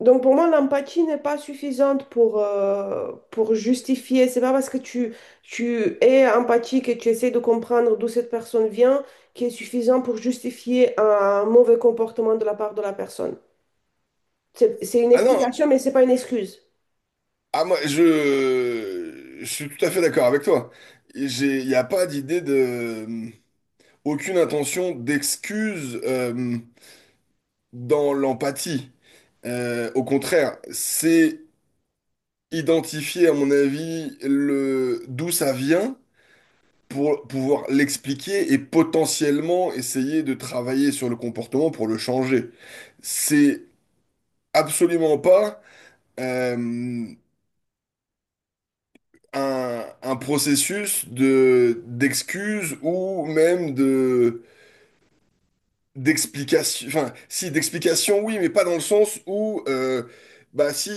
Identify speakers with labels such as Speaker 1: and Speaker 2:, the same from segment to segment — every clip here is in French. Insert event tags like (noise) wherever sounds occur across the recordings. Speaker 1: Donc pour moi, l'empathie n'est pas suffisante pour justifier. C'est pas parce que tu es empathique et tu essaies de comprendre d'où cette personne vient qui est suffisant pour justifier un mauvais comportement de la part de la personne. C'est une
Speaker 2: Ah non,
Speaker 1: explication, mais c'est pas une excuse.
Speaker 2: ah, moi, je suis tout à fait d'accord avec toi. Il n'y a pas d'idée de, aucune intention d'excuse dans l'empathie. Au contraire, c'est identifier, à mon avis, le, d'où ça vient pour pouvoir l'expliquer et potentiellement essayer de travailler sur le comportement pour le changer. C'est absolument pas. euh, un processus de d'excuses ou même de d'explication. Enfin, si d'explication, oui, mais pas dans le sens où bah si,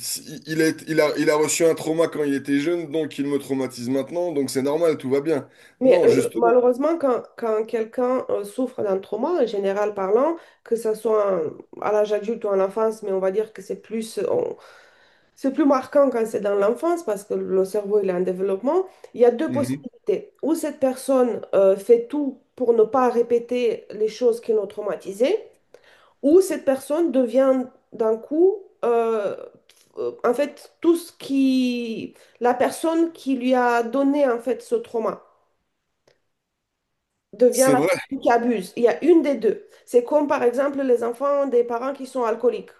Speaker 2: si il est il a reçu un trauma quand il était jeune, donc il me traumatise maintenant, donc c'est normal, tout va bien.
Speaker 1: Mais
Speaker 2: Non, justement.
Speaker 1: malheureusement, quand quelqu'un souffre d'un trauma, en général parlant, que ce soit à l'âge adulte ou en enfance, mais on va dire que c'est plus marquant quand c'est dans l'enfance parce que le cerveau il est en développement. Il y a deux
Speaker 2: Mhm.
Speaker 1: possibilités. Ou cette personne fait tout pour ne pas répéter les choses qui l'ont traumatisée, ou cette personne devient d'un coup, en fait, la personne qui lui a donné en fait ce trauma devient
Speaker 2: C'est
Speaker 1: la
Speaker 2: vrai.
Speaker 1: personne qui abuse. Il y a une des deux. C'est comme par exemple les enfants des parents qui sont alcooliques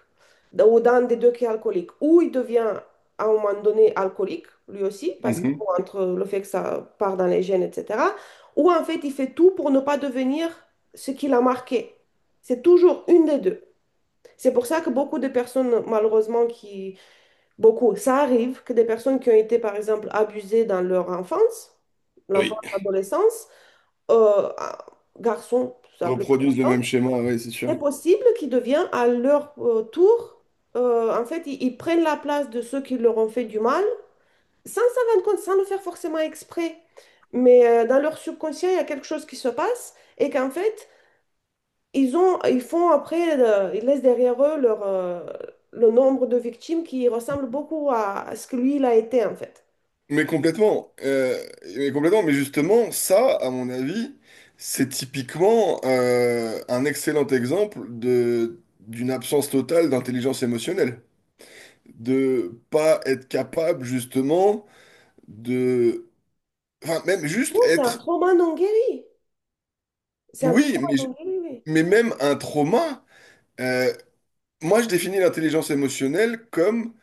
Speaker 1: ou d'un des deux qui est alcoolique. Ou il devient à un moment donné alcoolique, lui aussi, parce que
Speaker 2: Mhm.
Speaker 1: bon, entre le fait que ça part dans les gènes, etc. Ou en fait, il fait tout pour ne pas devenir ce qu'il a marqué. C'est toujours une des deux. C'est pour ça que beaucoup de personnes, malheureusement, qui... Beaucoup, ça arrive que des personnes qui ont été, par exemple, abusées dans leur enfance, l'enfance,
Speaker 2: Oui.
Speaker 1: l'adolescence, euh, à- garçons, tout simplement,
Speaker 2: Reproduisent le
Speaker 1: hein,
Speaker 2: même schéma, oui, c'est sûr.
Speaker 1: c'est possible qu'ils deviennent à leur tour, en fait, ils prennent la place de ceux qui leur ont fait du mal, sans s'en rendre compte, sans le faire forcément exprès. Mais dans leur subconscient, il y a quelque chose qui se passe et qu'en fait, ils font après, ils laissent derrière eux le nombre de victimes qui ressemble beaucoup à ce que lui, il a été, en fait.
Speaker 2: Mais complètement, mais complètement, mais justement, ça, à mon avis, c'est typiquement un excellent exemple de d'une absence totale d'intelligence émotionnelle, de pas être capable justement de, enfin même juste
Speaker 1: Non, c'est un
Speaker 2: être,
Speaker 1: trauma non guéri. C'est un
Speaker 2: oui,
Speaker 1: trauma non guéri, oui.
Speaker 2: mais même un trauma. euh, Moi, je définis l'intelligence émotionnelle comme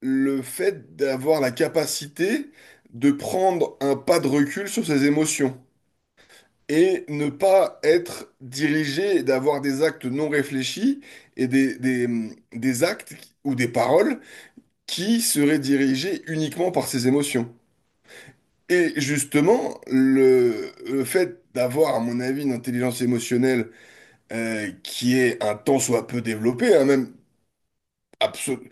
Speaker 2: le fait d'avoir la capacité de prendre un pas de recul sur ses émotions, et ne pas être dirigé et d'avoir des actes non réfléchis et des actes ou des paroles qui seraient dirigés uniquement par ses émotions. Et justement, le fait d'avoir, à mon avis, une intelligence émotionnelle qui est un tant soit peu développée, hein, même absolu-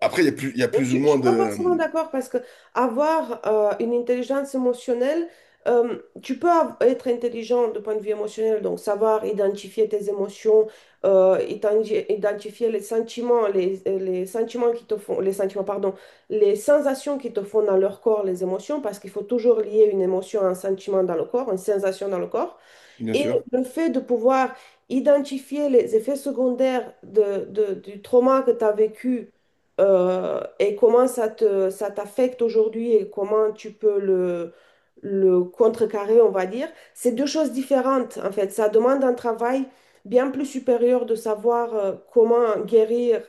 Speaker 2: Après, il y a plus, il y a plus
Speaker 1: Je
Speaker 2: ou
Speaker 1: ne
Speaker 2: moins
Speaker 1: suis pas
Speaker 2: de...
Speaker 1: forcément d'accord parce que avoir une intelligence émotionnelle, euh, tu peux être intelligent de point de vue émotionnel, donc savoir identifier tes émotions, identifier les sentiments, les sentiments qui te font, les sentiments, pardon, les sensations qui te font dans leur corps, les émotions, parce qu'il faut toujours lier une émotion à un sentiment dans le corps, une sensation dans le corps.
Speaker 2: Bien
Speaker 1: Et
Speaker 2: sûr.
Speaker 1: le fait de pouvoir identifier les effets secondaires du trauma que tu as vécu et comment ça t'affecte aujourd'hui et comment tu peux le contrecarrer, on va dire, c'est deux choses différentes en fait. Ça demande un travail bien plus supérieur de savoir comment guérir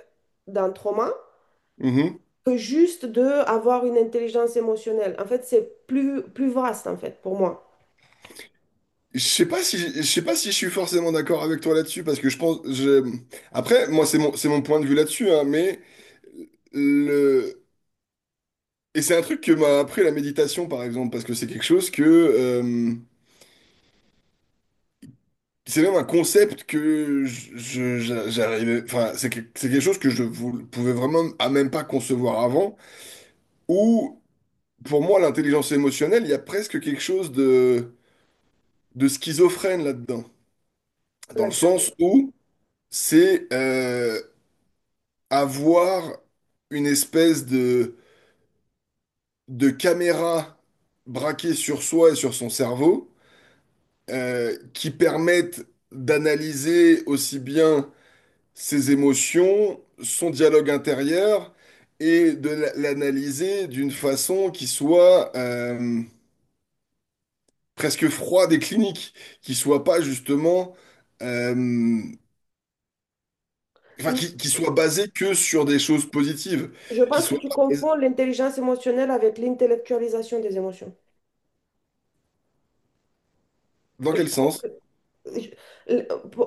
Speaker 1: d'un trauma
Speaker 2: Mhm.
Speaker 1: que juste de avoir une intelligence émotionnelle. En fait, c'est plus vaste en fait pour moi.
Speaker 2: Je sais pas si, je sais pas si je suis forcément d'accord avec toi là-dessus, parce que je pense... Je... Après, moi, c'est mon point de vue là-dessus, hein, mais Le... Et c'est un truc que m'a appris la méditation, par exemple, parce que c'est quelque chose que... c'est même un concept que j'arrivais... Enfin, c'est quelque chose que pouvais vraiment à même pas concevoir avant, où, pour moi, l'intelligence émotionnelle, il y a presque quelque chose de schizophrène là-dedans. Dans le
Speaker 1: Laquelle-
Speaker 2: sens où c'est avoir une espèce de caméra braquée sur soi et sur son cerveau, qui permettent d'analyser aussi bien ses émotions, son dialogue intérieur, et l'analyser d'une façon qui soit presque froide et clinique, qui soit pas justement, euh, enfin,
Speaker 1: Mm.
Speaker 2: qui soit basée que sur des choses positives,
Speaker 1: Je
Speaker 2: qui
Speaker 1: pense que
Speaker 2: soit
Speaker 1: tu
Speaker 2: pas basée-
Speaker 1: confonds l'intelligence émotionnelle avec l'intellectualisation des émotions.
Speaker 2: dans quel sens?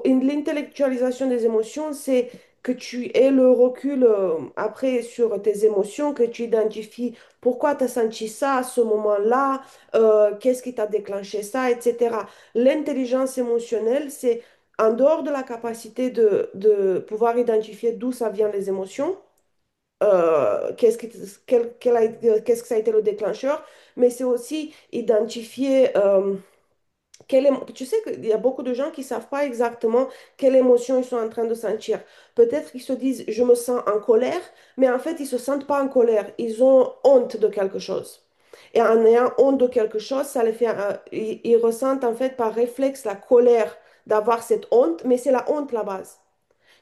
Speaker 1: L'intellectualisation des émotions, c'est que tu aies le recul après sur tes émotions, que tu identifies pourquoi tu as senti ça à ce moment-là, qu'est-ce qui t'a déclenché ça, etc. L'intelligence émotionnelle, c'est en dehors de la capacité de pouvoir identifier d'où ça vient les émotions, euh, qu'est-ce qui- qu'est-ce que ça a été le déclencheur, mais c'est aussi identifier... Tu sais qu'il y a beaucoup de gens qui ne savent pas exactement quelle émotion ils sont en train de sentir. Peut-être qu'ils se disent, je me sens en colère, mais en fait, ils ne se sentent pas en colère. Ils ont honte de quelque chose. Et en ayant honte de quelque chose, ça les fait, ils ressentent en fait par réflexe la colère d'avoir cette honte, mais c'est la honte la base.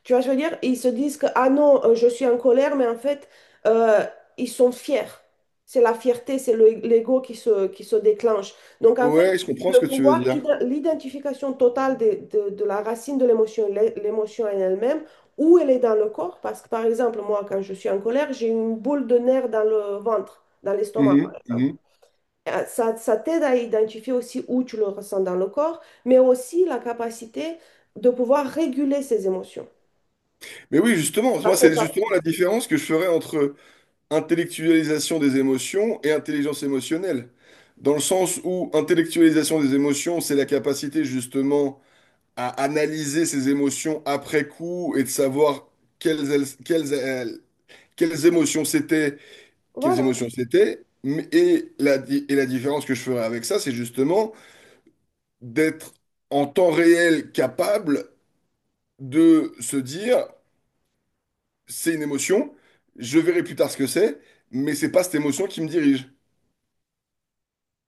Speaker 1: Tu vois, je veux dire, ils se disent que, ah non, je suis en colère, mais en fait, euh, ils sont fiers. C'est la fierté, c'est l'ego qui se déclenche. Donc, en fait,
Speaker 2: Ouais, je comprends ce que tu veux dire.
Speaker 1: l'identification totale de la racine de l'émotion, l'émotion en elle-même, où elle est dans le corps. Parce que, par exemple, moi, quand je suis en colère, j'ai une boule de nerfs dans le ventre, dans l'estomac, par
Speaker 2: Mhm,
Speaker 1: exemple.
Speaker 2: mhm.
Speaker 1: Ça, ça t'aide à identifier aussi où tu le ressens dans le corps, mais aussi la capacité de pouvoir réguler ses émotions.
Speaker 2: Mais oui, justement, moi,
Speaker 1: Ça fait
Speaker 2: c'est justement
Speaker 1: partie.
Speaker 2: la différence que je ferais entre intellectualisation des émotions et intelligence émotionnelle. Dans le sens où intellectualisation des émotions, c'est la capacité justement à analyser ses émotions après coup et de savoir quelles, elles- quelles, elles- quelles émotions c'était, quelles
Speaker 1: Voilà.
Speaker 2: émotions c'était. Mais- Et la différence que je ferai avec ça, c'est justement d'être en temps réel capable de se dire, c'est une émotion, je verrai plus tard ce que c'est, mais c'est pas cette émotion qui me dirige.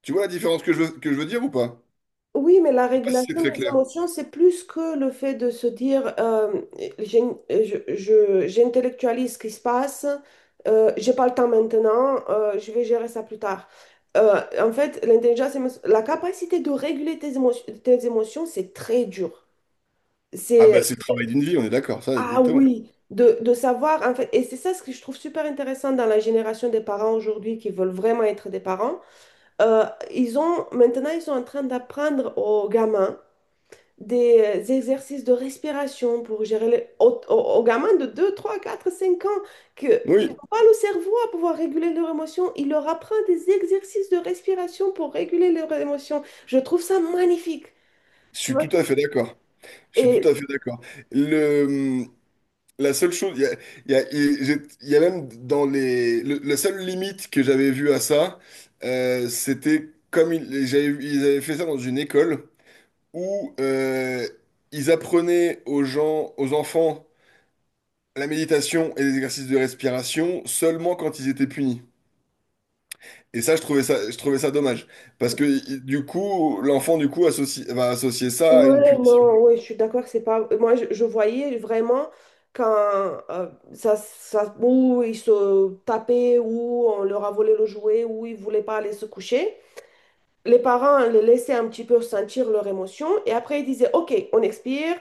Speaker 2: Tu vois la différence que que je veux dire ou pas?
Speaker 1: Oui, mais la
Speaker 2: Je sais pas si c'est
Speaker 1: régulation
Speaker 2: très
Speaker 1: des
Speaker 2: clair.
Speaker 1: émotions, c'est plus que le fait de se dire j'ai- j'intellectualise ce qui se passe, j'ai pas le temps maintenant, je vais gérer ça plus tard. En fait, la capacité de réguler tes émotions, c'est très dur.
Speaker 2: Ah
Speaker 1: C'est,
Speaker 2: bah c'est le travail d'une vie, on est d'accord, ça
Speaker 1: ah
Speaker 2: exactement.
Speaker 1: oui, de savoir, en fait, et c'est ça ce que je trouve super intéressant dans la génération des parents aujourd'hui qui veulent vraiment être des parents. Euh, Maintenant, ils sont en train d'apprendre aux gamins des exercices de respiration pour gérer les, aux, aux- aux gamins de 2 3 4 5 ans qu'ils
Speaker 2: Oui,
Speaker 1: n'ont pas le cerveau à pouvoir réguler leurs émotions. Ils leur apprennent des exercices de respiration pour réguler leurs émotions. Je trouve ça magnifique.
Speaker 2: je
Speaker 1: Tu
Speaker 2: suis
Speaker 1: vois,
Speaker 2: tout à fait d'accord. Je suis tout à
Speaker 1: et
Speaker 2: fait d'accord. Le, la seule chose, il y a même dans les, la seule limite que j'avais vue à ça, c'était comme ils, ils avaient fait ça dans une école où ils apprenaient aux gens, aux enfants, la méditation et les exercices de respiration seulement quand ils étaient punis. Et ça, je trouvais ça dommage. Parce que du coup, l'enfant, du coup, va associer ça à une
Speaker 1: ouais,
Speaker 2: punition.
Speaker 1: non, ouais, je suis d'accord que c'est pas. Moi, je voyais vraiment quand euh, ça, ça, où ils se tapaient, où on leur a volé le jouet, où ils voulaient pas aller se coucher. Les parents les laissaient un petit peu sentir leur émotion et après ils disaient, OK, on expire,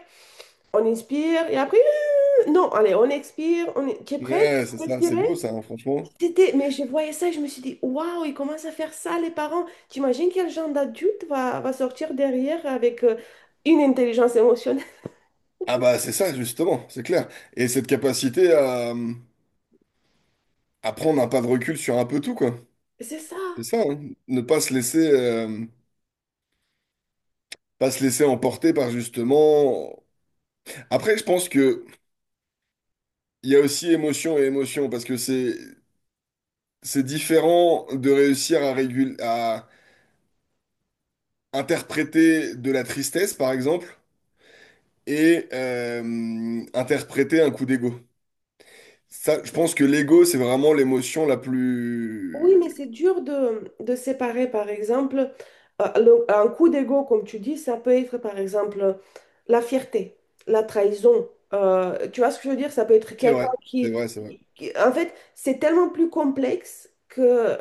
Speaker 1: on inspire et après, non, allez, on expire, on... Tu es prêt? Tu
Speaker 2: Ouais, c'est
Speaker 1: peux
Speaker 2: ça, c'est beau
Speaker 1: expirer?
Speaker 2: ça, hein, franchement.
Speaker 1: C'était... Mais je voyais ça et je me suis dit, waouh, ils commencent à faire ça, les parents. T'imagines quel genre d'adulte va sortir derrière avec une intelligence émotionnelle?
Speaker 2: Ah bah c'est ça, justement, c'est clair. Et cette capacité à prendre un pas de recul sur un peu tout, quoi.
Speaker 1: C'est ça.
Speaker 2: C'est ça, hein. Ne pas se laisser, pas se laisser emporter par justement. Après, je pense que il y a aussi émotion et émotion, parce que c'est différent de réussir à interpréter de la tristesse, par exemple et interpréter un coup d'ego. Ça, je pense que l'ego, c'est vraiment l'émotion la
Speaker 1: Oui, mais c'est
Speaker 2: plus...
Speaker 1: dur de séparer, par exemple, un coup d'ego, comme tu dis, ça peut être, par exemple, la fierté, la trahison. Tu vois ce que je veux dire? Ça peut être
Speaker 2: C'est vrai, c'est vrai, c'est vrai.
Speaker 1: En fait, c'est tellement plus complexe que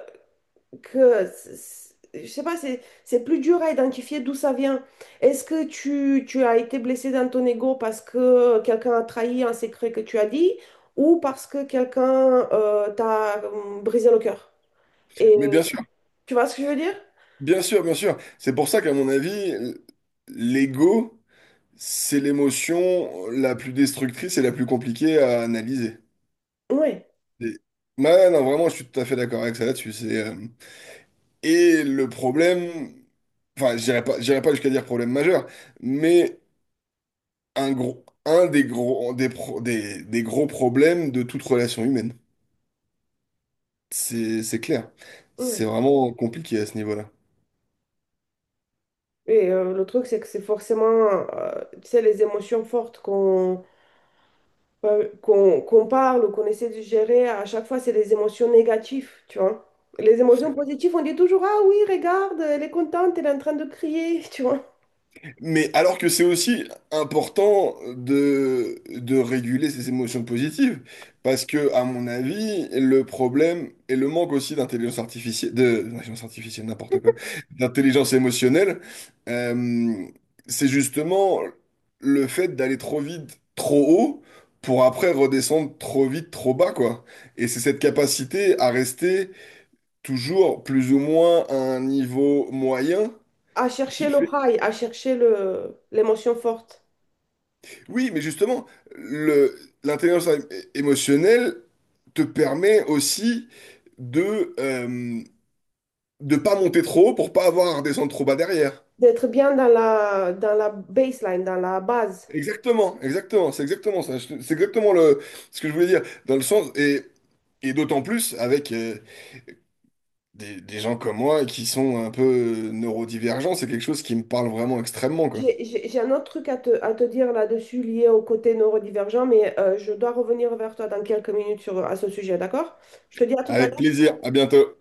Speaker 1: que c- je sais pas, c'est plus dur à identifier d'où ça vient. Est-ce que tu as été blessé dans ton ego parce que quelqu'un a trahi un secret que tu as dit ou parce que quelqu'un t'a brisé le cœur? Et
Speaker 2: Mais bien sûr,
Speaker 1: tu vois ce que je veux dire?
Speaker 2: bien sûr, bien sûr. C'est pour ça qu'à mon avis, l'ego, c'est l'émotion la plus destructrice et la plus compliquée à analyser.
Speaker 1: Oui,
Speaker 2: Et- Ouais, non, vraiment, je suis tout à fait d'accord avec ça là-dessus. C'est, et le problème, enfin, je dirais pas jusqu'à dire problème majeur, mais un gros, un des gros, des, pro- des gros problèmes de toute relation humaine. C'est clair. C'est
Speaker 1: oui.
Speaker 2: vraiment compliqué à ce niveau-là.
Speaker 1: Et le truc, c'est que c'est forcément, tu sais, les émotions fortes qu'on ouais, qu'on parle ou qu'on essaie de gérer, à chaque fois, c'est les émotions négatives, tu vois. Les émotions positives, on dit toujours, ah oui, regarde, elle est contente, elle est en train de crier, (laughs) tu vois.
Speaker 2: Mais alors que c'est aussi important de réguler ses émotions positives, parce que, à mon avis, le problème et le manque aussi d'intelligence artificielle, de, d'intelligence artificielle, n'importe quoi, d'intelligence émotionnelle, euh, c'est justement le fait d'aller trop vite, trop haut, pour après redescendre trop vite, trop bas, quoi. Et c'est cette capacité à rester toujours plus ou moins à un niveau moyen
Speaker 1: À chercher
Speaker 2: qui
Speaker 1: le
Speaker 2: fait
Speaker 1: high, à chercher l'émotion forte.
Speaker 2: Oui, mais justement, le, l'intelligence é- émotionnelle te permet aussi de euh, de pas monter trop haut pour pas avoir à redescendre trop bas derrière.
Speaker 1: D'être bien dans la baseline, dans la base.
Speaker 2: Exactement, exactement, c'est exactement ça. C'est exactement le ce que je voulais dire dans le sens et d'autant plus avec des gens comme moi qui sont un peu neurodivergents, c'est quelque chose qui me parle vraiment extrêmement quoi.
Speaker 1: J'ai un autre truc à te, dire là-dessus lié au côté neurodivergent, mais je dois revenir vers toi dans quelques minutes sur, à ce sujet, d'accord? Je te dis à tout à
Speaker 2: Avec
Speaker 1: l'heure.
Speaker 2: plaisir, à bientôt.